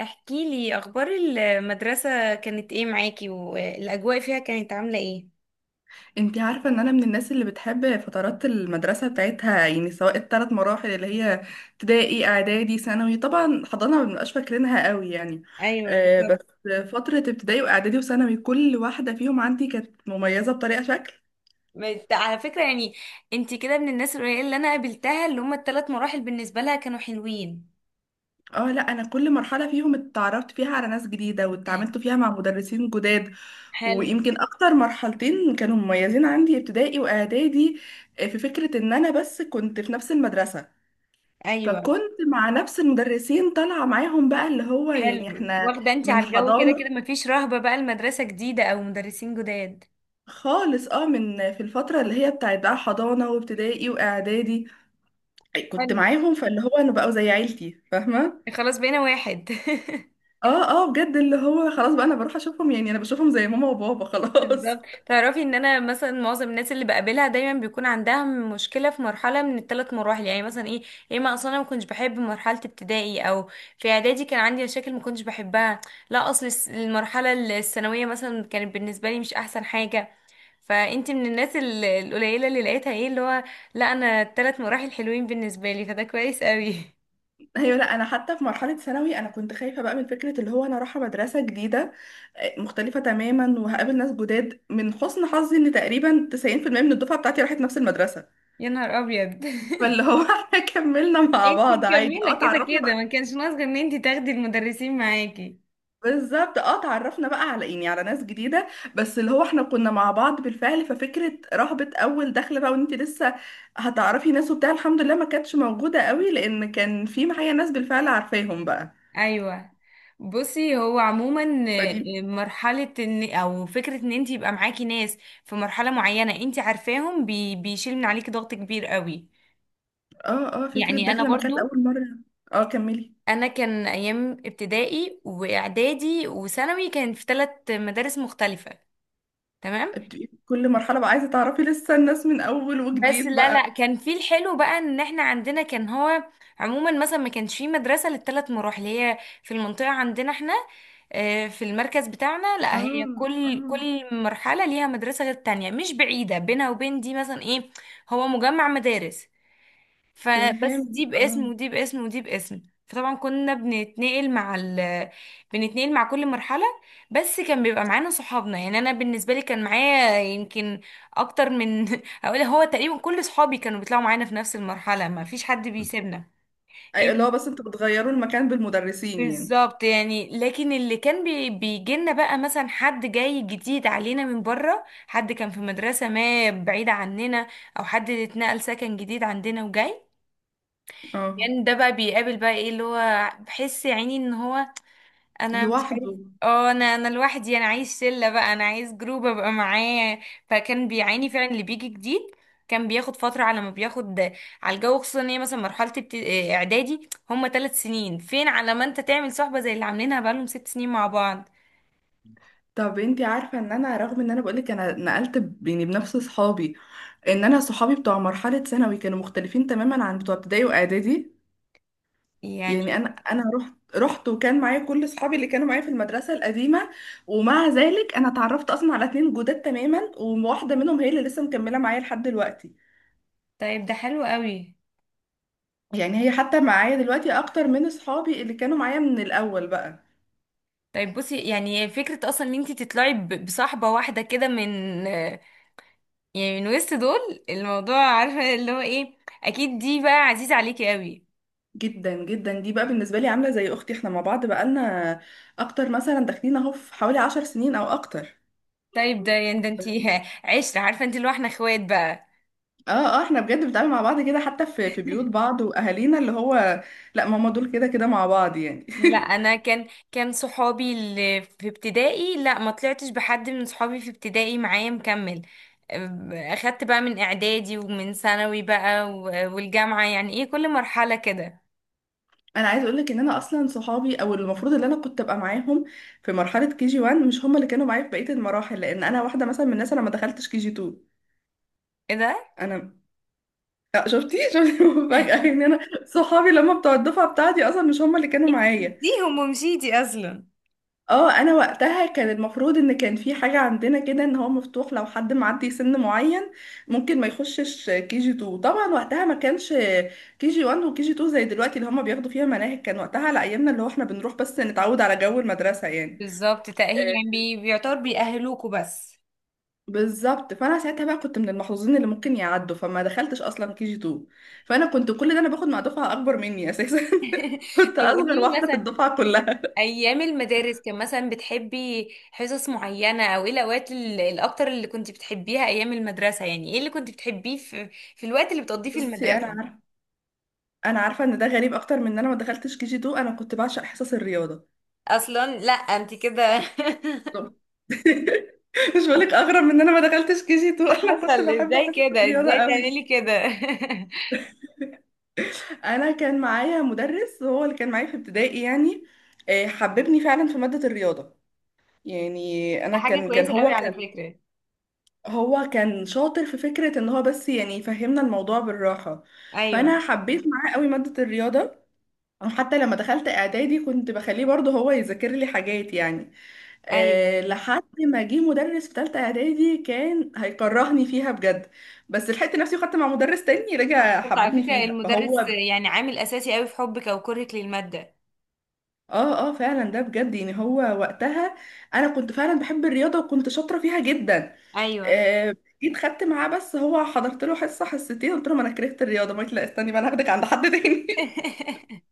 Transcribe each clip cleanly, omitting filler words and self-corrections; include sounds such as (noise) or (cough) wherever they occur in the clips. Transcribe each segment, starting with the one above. احكي لي اخبار المدرسة كانت ايه معاكي والاجواء فيها كانت عاملة ايه؟ انتي عارفة ان انا من الناس اللي بتحب فترات المدرسة بتاعتها، يعني سواء الثلاث مراحل اللي هي ابتدائي، اعدادي، ثانوي. طبعا حضانة ما بنبقاش فاكرينها قوي يعني. ايوه بس بالظبط. فترة ابتدائي واعدادي وثانوي، كل واحدة فيهم عندي كانت مميزة بطريقة شكل. على فكرة يعني انتي كده من الناس القليلة اللي انا قابلتها اللي هما ال3 مراحل بالنسبة لها كانوا حلوين. اه لا، انا كل مرحلة فيهم اتعرفت فيها على ناس جديدة واتعاملت فيها مع مدرسين جداد. حلو. ويمكن اكتر مرحلتين كانوا مميزين عندي ابتدائي واعدادي. في فكرة ان انا بس كنت في نفس المدرسة، ايوه، فكنت مع نفس المدرسين طالعة معاهم بقى، اللي هو يعني حلو. احنا واخدة انتي من على الجو كده كده، حضانة مفيش رهبة بقى المدرسة جديدة او مدرسين جداد. خالص. اه من في الفترة اللي هي بتاعت بقى حضانة وابتدائي واعدادي كنت حلو، معاهم، فاللي هو انا بقوا زي عيلتي، فاهمة. خلاص بقينا واحد. (laughs) اه اه، بجد، اللي هو خلاص بقى انا بروح اشوفهم، يعني انا بشوفهم زي ماما وبابا خلاص. بالظبط، تعرفي ان انا مثلا معظم الناس اللي بقابلها دايما بيكون عندها مشكله في مرحله من ال3 مراحل، يعني مثلا ايه، يا اما اصلا انا ما كنتش بحب مرحله ابتدائي، او في اعدادي كان عندي مشاكل ما كنتش بحبها، لا اصل المرحله الثانويه مثلا كانت بالنسبه لي مش احسن حاجه. فانت من الناس القليله اللي لقيتها ايه اللي هو لا انا ال3 مراحل حلوين بالنسبه لي، فده كويس قوي. (laughs) ايوه لا، انا حتى في مرحلة ثانوي انا كنت خايفة بقى من فكرة اللي هو انا رايحة مدرسة جديدة مختلفة تماما وهقابل ناس جداد. من حسن حظي ان تقريبا 90% من الدفعة بتاعتي راحت نفس المدرسة. (laughs) يا نهار ابيض. (laughs) فاللي هو (laughs) احنا كملنا مع انت بعض عادي، مكمله كده اتعرفنا كده، بقى. ما كانش ناقص غير ان انت تاخدي المدرسين معاكي. بالظبط، اتعرفنا بقى على، يعني على ناس جديدة. بس اللي هو احنا كنا مع بعض بالفعل، ففكرة رهبة اول دخلة بقى وانت لسه هتعرفي ناس وبتاع، الحمد لله ما كانتش موجودة قوي، لان كان في معايا ناس بالفعل عارفاهم بقى، ايوه. بصي هو عموما فدي. مرحله، ان او فكره ان انت يبقى معاكي ناس في مرحله معينه انت عارفاهم بي بيشيل من عليكي ضغط كبير قوي. اه اه، فكرة يعني انا داخلة مكان برضو لأول مرة. اه، كملي. انا كان ايام ابتدائي واعدادي وثانوي كان في 3 مدارس مختلفه. تمام. بتبقي كل مرحلة بقى عايزة تعرفي لسه الناس من اول بس وجديد لا بقى. لا، كان في الحلو بقى ان احنا عندنا كان هو عموما مثلا ما كانش في مدرسة لل3 مراحل، هي في المنطقة عندنا احنا، في المركز بتاعنا، لا هي اه كل اه، كل مرحلة ليها مدرسة غير التانية، مش بعيدة بينها وبين دي، مثلا ايه، هو مجمع مدارس، فبس فهمت. دي باسم اه. ودي باسم ودي باسم. فطبعا كنا بنتنقل مع ال... بنتنقل مع كل مرحلة، بس كان بيبقى معانا صحابنا. يعني انا بالنسبة لي كان معايا يمكن اكتر من، (laughs) اقول هو تقريبا كل صحابي كانوا بيطلعوا معانا في نفس المرحلة، ما فيش حد بيسيبنا. ايوه. اللي ال- هو بس انتوا بتغيروا المكان بالمدرسين يعني. بالظبط يعني، لكن اللي كان بيجيلنا بقى مثلا حد جاي جديد علينا من بره، حد كان في مدرسة ما بعيدة عننا، او حد اتنقل سكن جديد عندنا وجاي، اه، يعني ده بقى بيقابل بقى ايه اللي هو بحس يا عيني ان هو انا مش عارف. لوحده. اه، انا لوحدي، انا عايز شله بقى، انا عايز جروب ابقى معاه. فكان بيعاني فعلا اللي بيجي جديد، كان بياخد فتره على ما بياخد على الجو، خصوصا ان هي مثلا مرحله اعدادي هم 3 سنين، فين على ما انت تعمل صحبه زي اللي عاملينها بقالهم 6 سنين مع بعض طب انتي عارفة ان انا، رغم ان انا بقولك انا نقلت يعني بنفس صحابي، ان انا صحابي بتوع مرحلة ثانوي كانوا مختلفين تماما عن بتوع ابتدائي واعدادي. يعني. يعني انا رحت وكان معايا كل صحابي اللي كانوا معايا في المدرسة القديمة، ومع ذلك انا اتعرفت اصلا على اتنين جداد تماما، وواحدة منهم هي اللي لسه مكملة معايا لحد دلوقتي. طيب ده حلو قوي. يعني هي حتى معايا دلوقتي اكتر من صحابي اللي كانوا معايا من الاول بقى. طيب بصي، يعني فكرة أصلا إن أنتي تطلعي بصاحبة واحدة كده من، يعني من وسط دول، الموضوع عارفة اللي هو ايه، اكيد دي بقى عزيزة عليكي قوي. جدا جدا، دي بقى بالنسبه لي عامله زي اختي. احنا مع بعض بقالنا اكتر مثلا، داخلين اهو في حوالي 10 سنين او اكتر. طيب ده يعني ده انتي (laughs) عشرة، عارفة انتي اللي هو احنا اخوات بقى. اه اه، احنا بجد بنتعامل مع بعض كده، حتى في بيوت (laughs) بعض واهالينا، اللي هو لا ماما دول كده كده مع بعض يعني. لا، (laughs) انا كان صحابي اللي في ابتدائي لا ما طلعتش بحد من صحابي في ابتدائي معايا مكمل. اخدت بقى من اعدادي ومن ثانوي بقى والجامعة يعني، ايه كل مرحلة كده. انا عايز اقول لك ان انا اصلا صحابي، او المفروض اللي انا كنت ابقى معاهم في مرحله كي جي 1، مش هم اللي كانوا معايا في بقيه المراحل، لان انا واحده مثلا من الناس انا ما دخلتش كي جي 2. ايه ده، انا شفتي شفتي، (laughs) مفاجاه ان انا صحابي لما بتوع الدفعه بتاعتي اصلا مش هم اللي كانوا انت معايا. سبتيهم ومشيتي اصلا. اه، انا وقتها كان المفروض ان كان في حاجة عندنا كده، ان هو مفتوح لو حد معدي سن معين ممكن ما يخشش كي جي 2. طبعا وقتها ما كانش كي جي 1 وكي جي 2 زي دلوقتي اللي هما بياخدوا فيها مناهج، كان وقتها على ايامنا اللي هو احنا بنروح بس نتعود على جو المدرسة يعني. بالظبط، تأهيل يعني آه، بيعتبر بيأهلوكوا بس. بالظبط. فانا ساعتها بقى كنت من المحظوظين اللي ممكن يعدوا، فما دخلتش اصلا كي جي 2. فانا كنت كل ده انا باخد مع دفعة اكبر مني اساسا. (laughs) كنت طب اصغر قولي لي واحدة في مثلا، الدفعة كلها. ايام المدارس كان مثلا بتحبي حصص معينه، او ايه الاوقات الاكتر اللي كنت بتحبيها ايام المدرسه، يعني ايه اللي كنت بتحبيه في في الوقت اللي بتقضيه في بصي، انا المدرسه؟ عارفة انا عارفه ان ده غريب اكتر من ان انا ما دخلتش كي جي 2. انا كنت بعشق حصص الرياضه. اصلا لا انت كده. طب. (laughs) مش بقولك اغرب من ان انا ما دخلتش كي جي 2؟ (laughs) (laughs) انا كنت حصل بحب ازاي حصص كده، الرياضه ازاي قوي. تعملي كده؟ انا كان معايا مدرس هو اللي كان معايا في ابتدائي، يعني حببني فعلا في ماده الرياضه. يعني (laughs) ده انا حاجه كان كويسه قوي هو على كان فكره. هو كان شاطر في فكره ان هو بس يعني يفهمنا الموضوع بالراحه. ايوه. فانا حبيت معاه قوي ماده الرياضه. وحتى لما دخلت اعدادي كنت بخليه برضه هو يذاكر لي حاجات، يعني ايوه لحد ما جه مدرس في تالتة اعدادي كان هيكرهني فيها بجد. بس لحقت نفسي وخدت مع مدرس تاني رجع بس على حببني فكره فيها، المدرس فهو يعني عامل اساسي قوي في حبك او كرهك للماده. اه اه، فعلا، ده بجد، يعني هو وقتها انا كنت فعلا بحب الرياضة وكنت شاطرة فيها جدا. ايوه. آه، جيت خدت معاه، بس هو حضرت له حصة حصتين قلت له: ما انا كرهت الرياضة، ما لا استني بقى، انا هاخدك عند حد تاني. (laughs)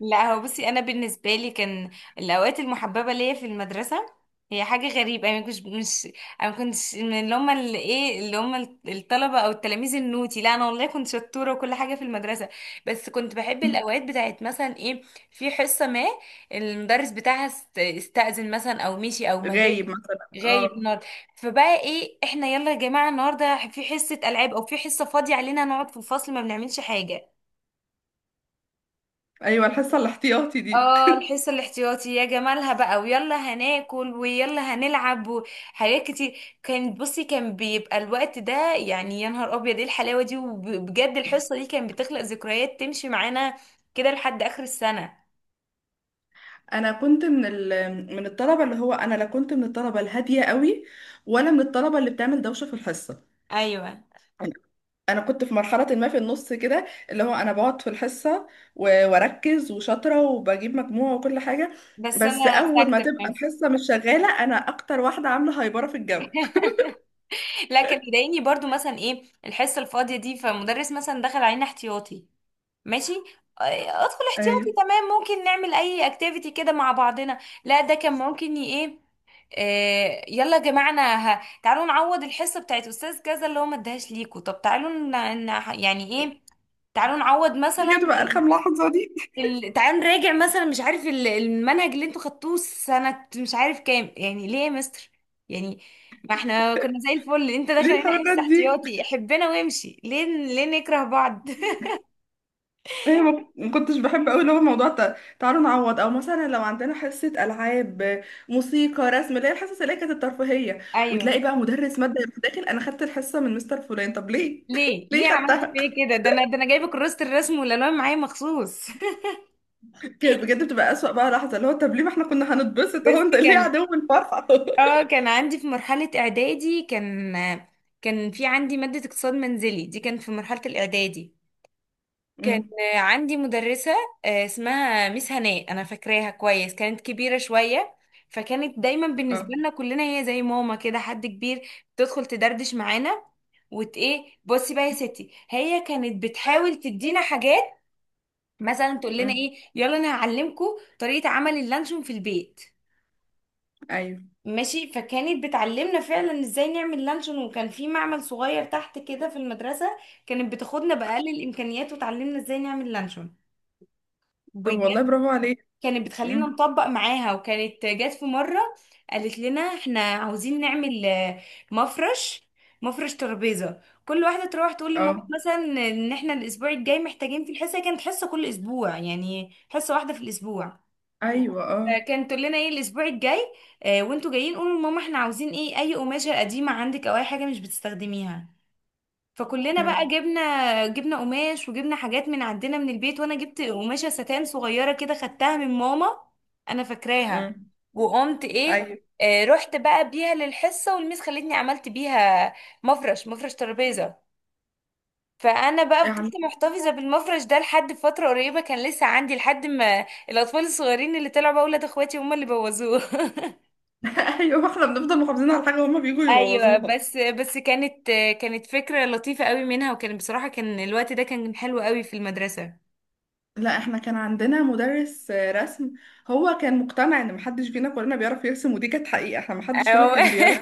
لا هو بصي انا بالنسبه لي كان الاوقات المحببه ليا في المدرسه هي حاجه غريبه، انا مش، انا ما كنتش من اللي هم اللي ايه اللي هم الطلبه او التلاميذ النوتي، لا انا والله كنت شطوره وكل حاجه في المدرسه، بس كنت بحب (laughs) الاوقات بتاعت مثلا ايه، في حصه ما المدرس بتاعها استأذن مثلا، او مشي، او ما غايب جاش، مثلا. غايب اه النهارده، فبقى ايه احنا، يلا يا جماعه النهارده في حصه العاب، او في حصه فاضيه علينا نقعد في الفصل ما بنعملش حاجه. ايوه، الحصة الاحتياطي دي. اه الحصة الاحتياطي، يا جمالها بقى، ويلا هناكل ويلا هنلعب وحاجات كتير كانت، بصي كان بيبقى الوقت ده يعني يا نهار ابيض ايه الحلاوة دي، وبجد الحصة دي كانت بتخلق ذكريات تمشي معانا كده لحد اخر السنة. انا كنت من الطلبه، اللي هو انا لا كنت من الطلبه الهاديه قوي ولا من الطلبه اللي بتعمل دوشه في الحصه. ايوه انا كنت في مرحله ما في النص كده، اللي هو انا بقعد في الحصه واركز وشاطره وبجيب مجموعه وكل حاجه. بس بس انا اول ما ساكتة في تبقى نفسي. الحصه مش شغاله انا اكتر واحده عامله هايبره في الجو. لكن يضايقني برضو مثلا ايه الحصة الفاضية دي، فمدرس مثلا دخل علينا احتياطي، ماشي، آه، ادخل احتياطي ايوه، تمام، ممكن نعمل اي اكتيفيتي كده مع بعضنا، لا ده كان ممكن ايه، يلا يا جماعه انا تعالوا نعوض الحصه بتاعت استاذ كذا اللي هو ما اداهاش ليكوا، طب تعالوا يعني ايه، تعالوا نعوض دي مثلا كانت بتبقى ال... ارخم لحظه دي. تعالوا نراجع مثلا مش عارف المنهج اللي انتوا خدتوه سنة مش عارف كام، يعني ليه يا مستر، يعني ما احنا كنا زي الفل، انت (laughs) داخل ليه هنا الحركات حصة دي؟ احتياطي حبنا وامشي، ليه ليه نكره بعض؟ (laughs) ايه، ما كنتش بحب قوي اللي هو موضوع تعالوا نعوض، او مثلا لو عندنا حصه العاب، موسيقى، رسم، اللي هي الحصص اللي هي كانت الترفيهيه، وتلاقي ايوه بقى مدرس ماده يروح داخل: انا خدت الحصه من مستر فلان. طب ليه؟ ليه، (laughs) ليه ليه عملت خدتها؟ فيا كده، ده انا جايبه كراسه الرسم والالوان معايا مخصوص. كانت بجد بتبقى اسوأ بقى لحظه، اللي هو طب ليه؟ ما احنا كنا (laughs) هنتبسط اهو، بس انت ليه كان، عدو الفرحه؟ اه (laughs) كان عندي في مرحله اعدادي كان في عندي ماده اقتصاد منزلي، دي كانت في مرحله الاعدادي، كان امم. عندي مدرسه اسمها ميس هناء، انا فاكراها كويس، كانت كبيره شويه، فكانت دايما بالنسبه اه. لنا كلنا هي زي ماما كده، حد كبير تدخل تدردش معانا، وت ايه بصي بقى يا ستي، هي كانت بتحاول تدينا حاجات، مثلا تقول لنا امم. ايه يلا انا هعلمكم طريقه عمل اللانشون في البيت، ايوه. ماشي، فكانت بتعلمنا فعلا ازاي نعمل لانشون، وكان في معمل صغير تحت كده في المدرسه، كانت بتاخدنا باقل الامكانيات وتعلمنا ازاي نعمل لانشون طب بجد. والله برافو عليك. كانت بتخلينا امم. نطبق معاها، وكانت جت في مره قالت لنا احنا عاوزين نعمل مفرش، مفرش ترابيزه، كل واحده تروح تقول لماما اه. مثلا ان احنا الاسبوع الجاي محتاجين، في الحصه كانت حصه كل اسبوع يعني حصه واحده في الاسبوع، ايوه. اه. فكان تقول لنا ايه الاسبوع الجاي آه، وانتوا جايين قولوا لماما احنا عاوزين ايه، اي قماشه قديمه عندك، او اي حاجه مش بتستخدميها، فكلنا بقى امم. جبنا، قماش وجبنا حاجات من عندنا من البيت، وانا جبت قماشه ستان صغيره كده خدتها من ماما، انا فاكراها، امم. وقمت ايه، ايوه. آه رحت بقى بيها للحصه والميس خلتني عملت بيها مفرش مفرش ترابيزه، فانا بقى فضلت يعني- محتفظه بالمفرش ده لحد فتره قريبه، كان لسه عندي لحد ما الاطفال الصغيرين اللي طلعوا بقى ولاد اخواتي هم اللي بوظوه. (laughs) (laughs) ايوه، احنا بنفضل محافظين على حاجه وهما بيجوا ايوه يبوظوها. بس كانت، كانت فكره لطيفه قوي منها، وكان بصراحه كان الوقت ده كان حلو قوي في المدرسه. لا، احنا كان عندنا مدرس رسم، هو كان مقتنع ان محدش فينا كلنا بيعرف يرسم، ودي كانت حقيقة، احنا محدش فينا أو (laughs) كان بيعرف.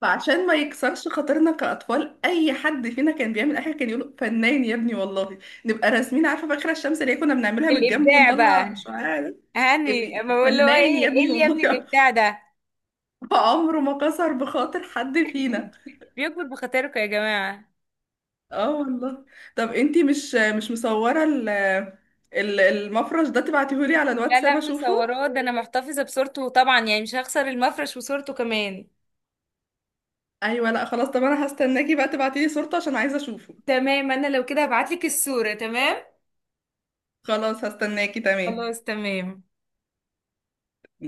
فعشان ما يكسرش خاطرنا كأطفال، اي حد فينا كان بيعمل اي حاجة كان يقول: فنان يا ابني والله. نبقى راسمين، عارفة، فاكرة الشمس اللي هي كنا بنعملها من الجنب الابداع بقى، ونطلع شعاع ده؟ هاني ما بقول له فنان ايه يا ايه ابني اللي يا والله. ابني الابداع (laughs) ده، فعمره ما كسر بخاطر حد فينا. بيكبر بخاطركم يا جماعه. اه والله. طب انتي مش مصورة المفرش ده؟ تبعتيهولي على لا الواتساب لا اشوفه. مصوراه، ده انا محتفظه بصورته طبعا، يعني مش هخسر المفرش وصورته كمان. ايوه لا خلاص. طب انا هستناكي بقى تبعتيلي صورته عشان عايزه اشوفه. تمام انا لو كده هبعتلك الصورة. تمام، خلاص هستناكي. تمام. خلاص تمام.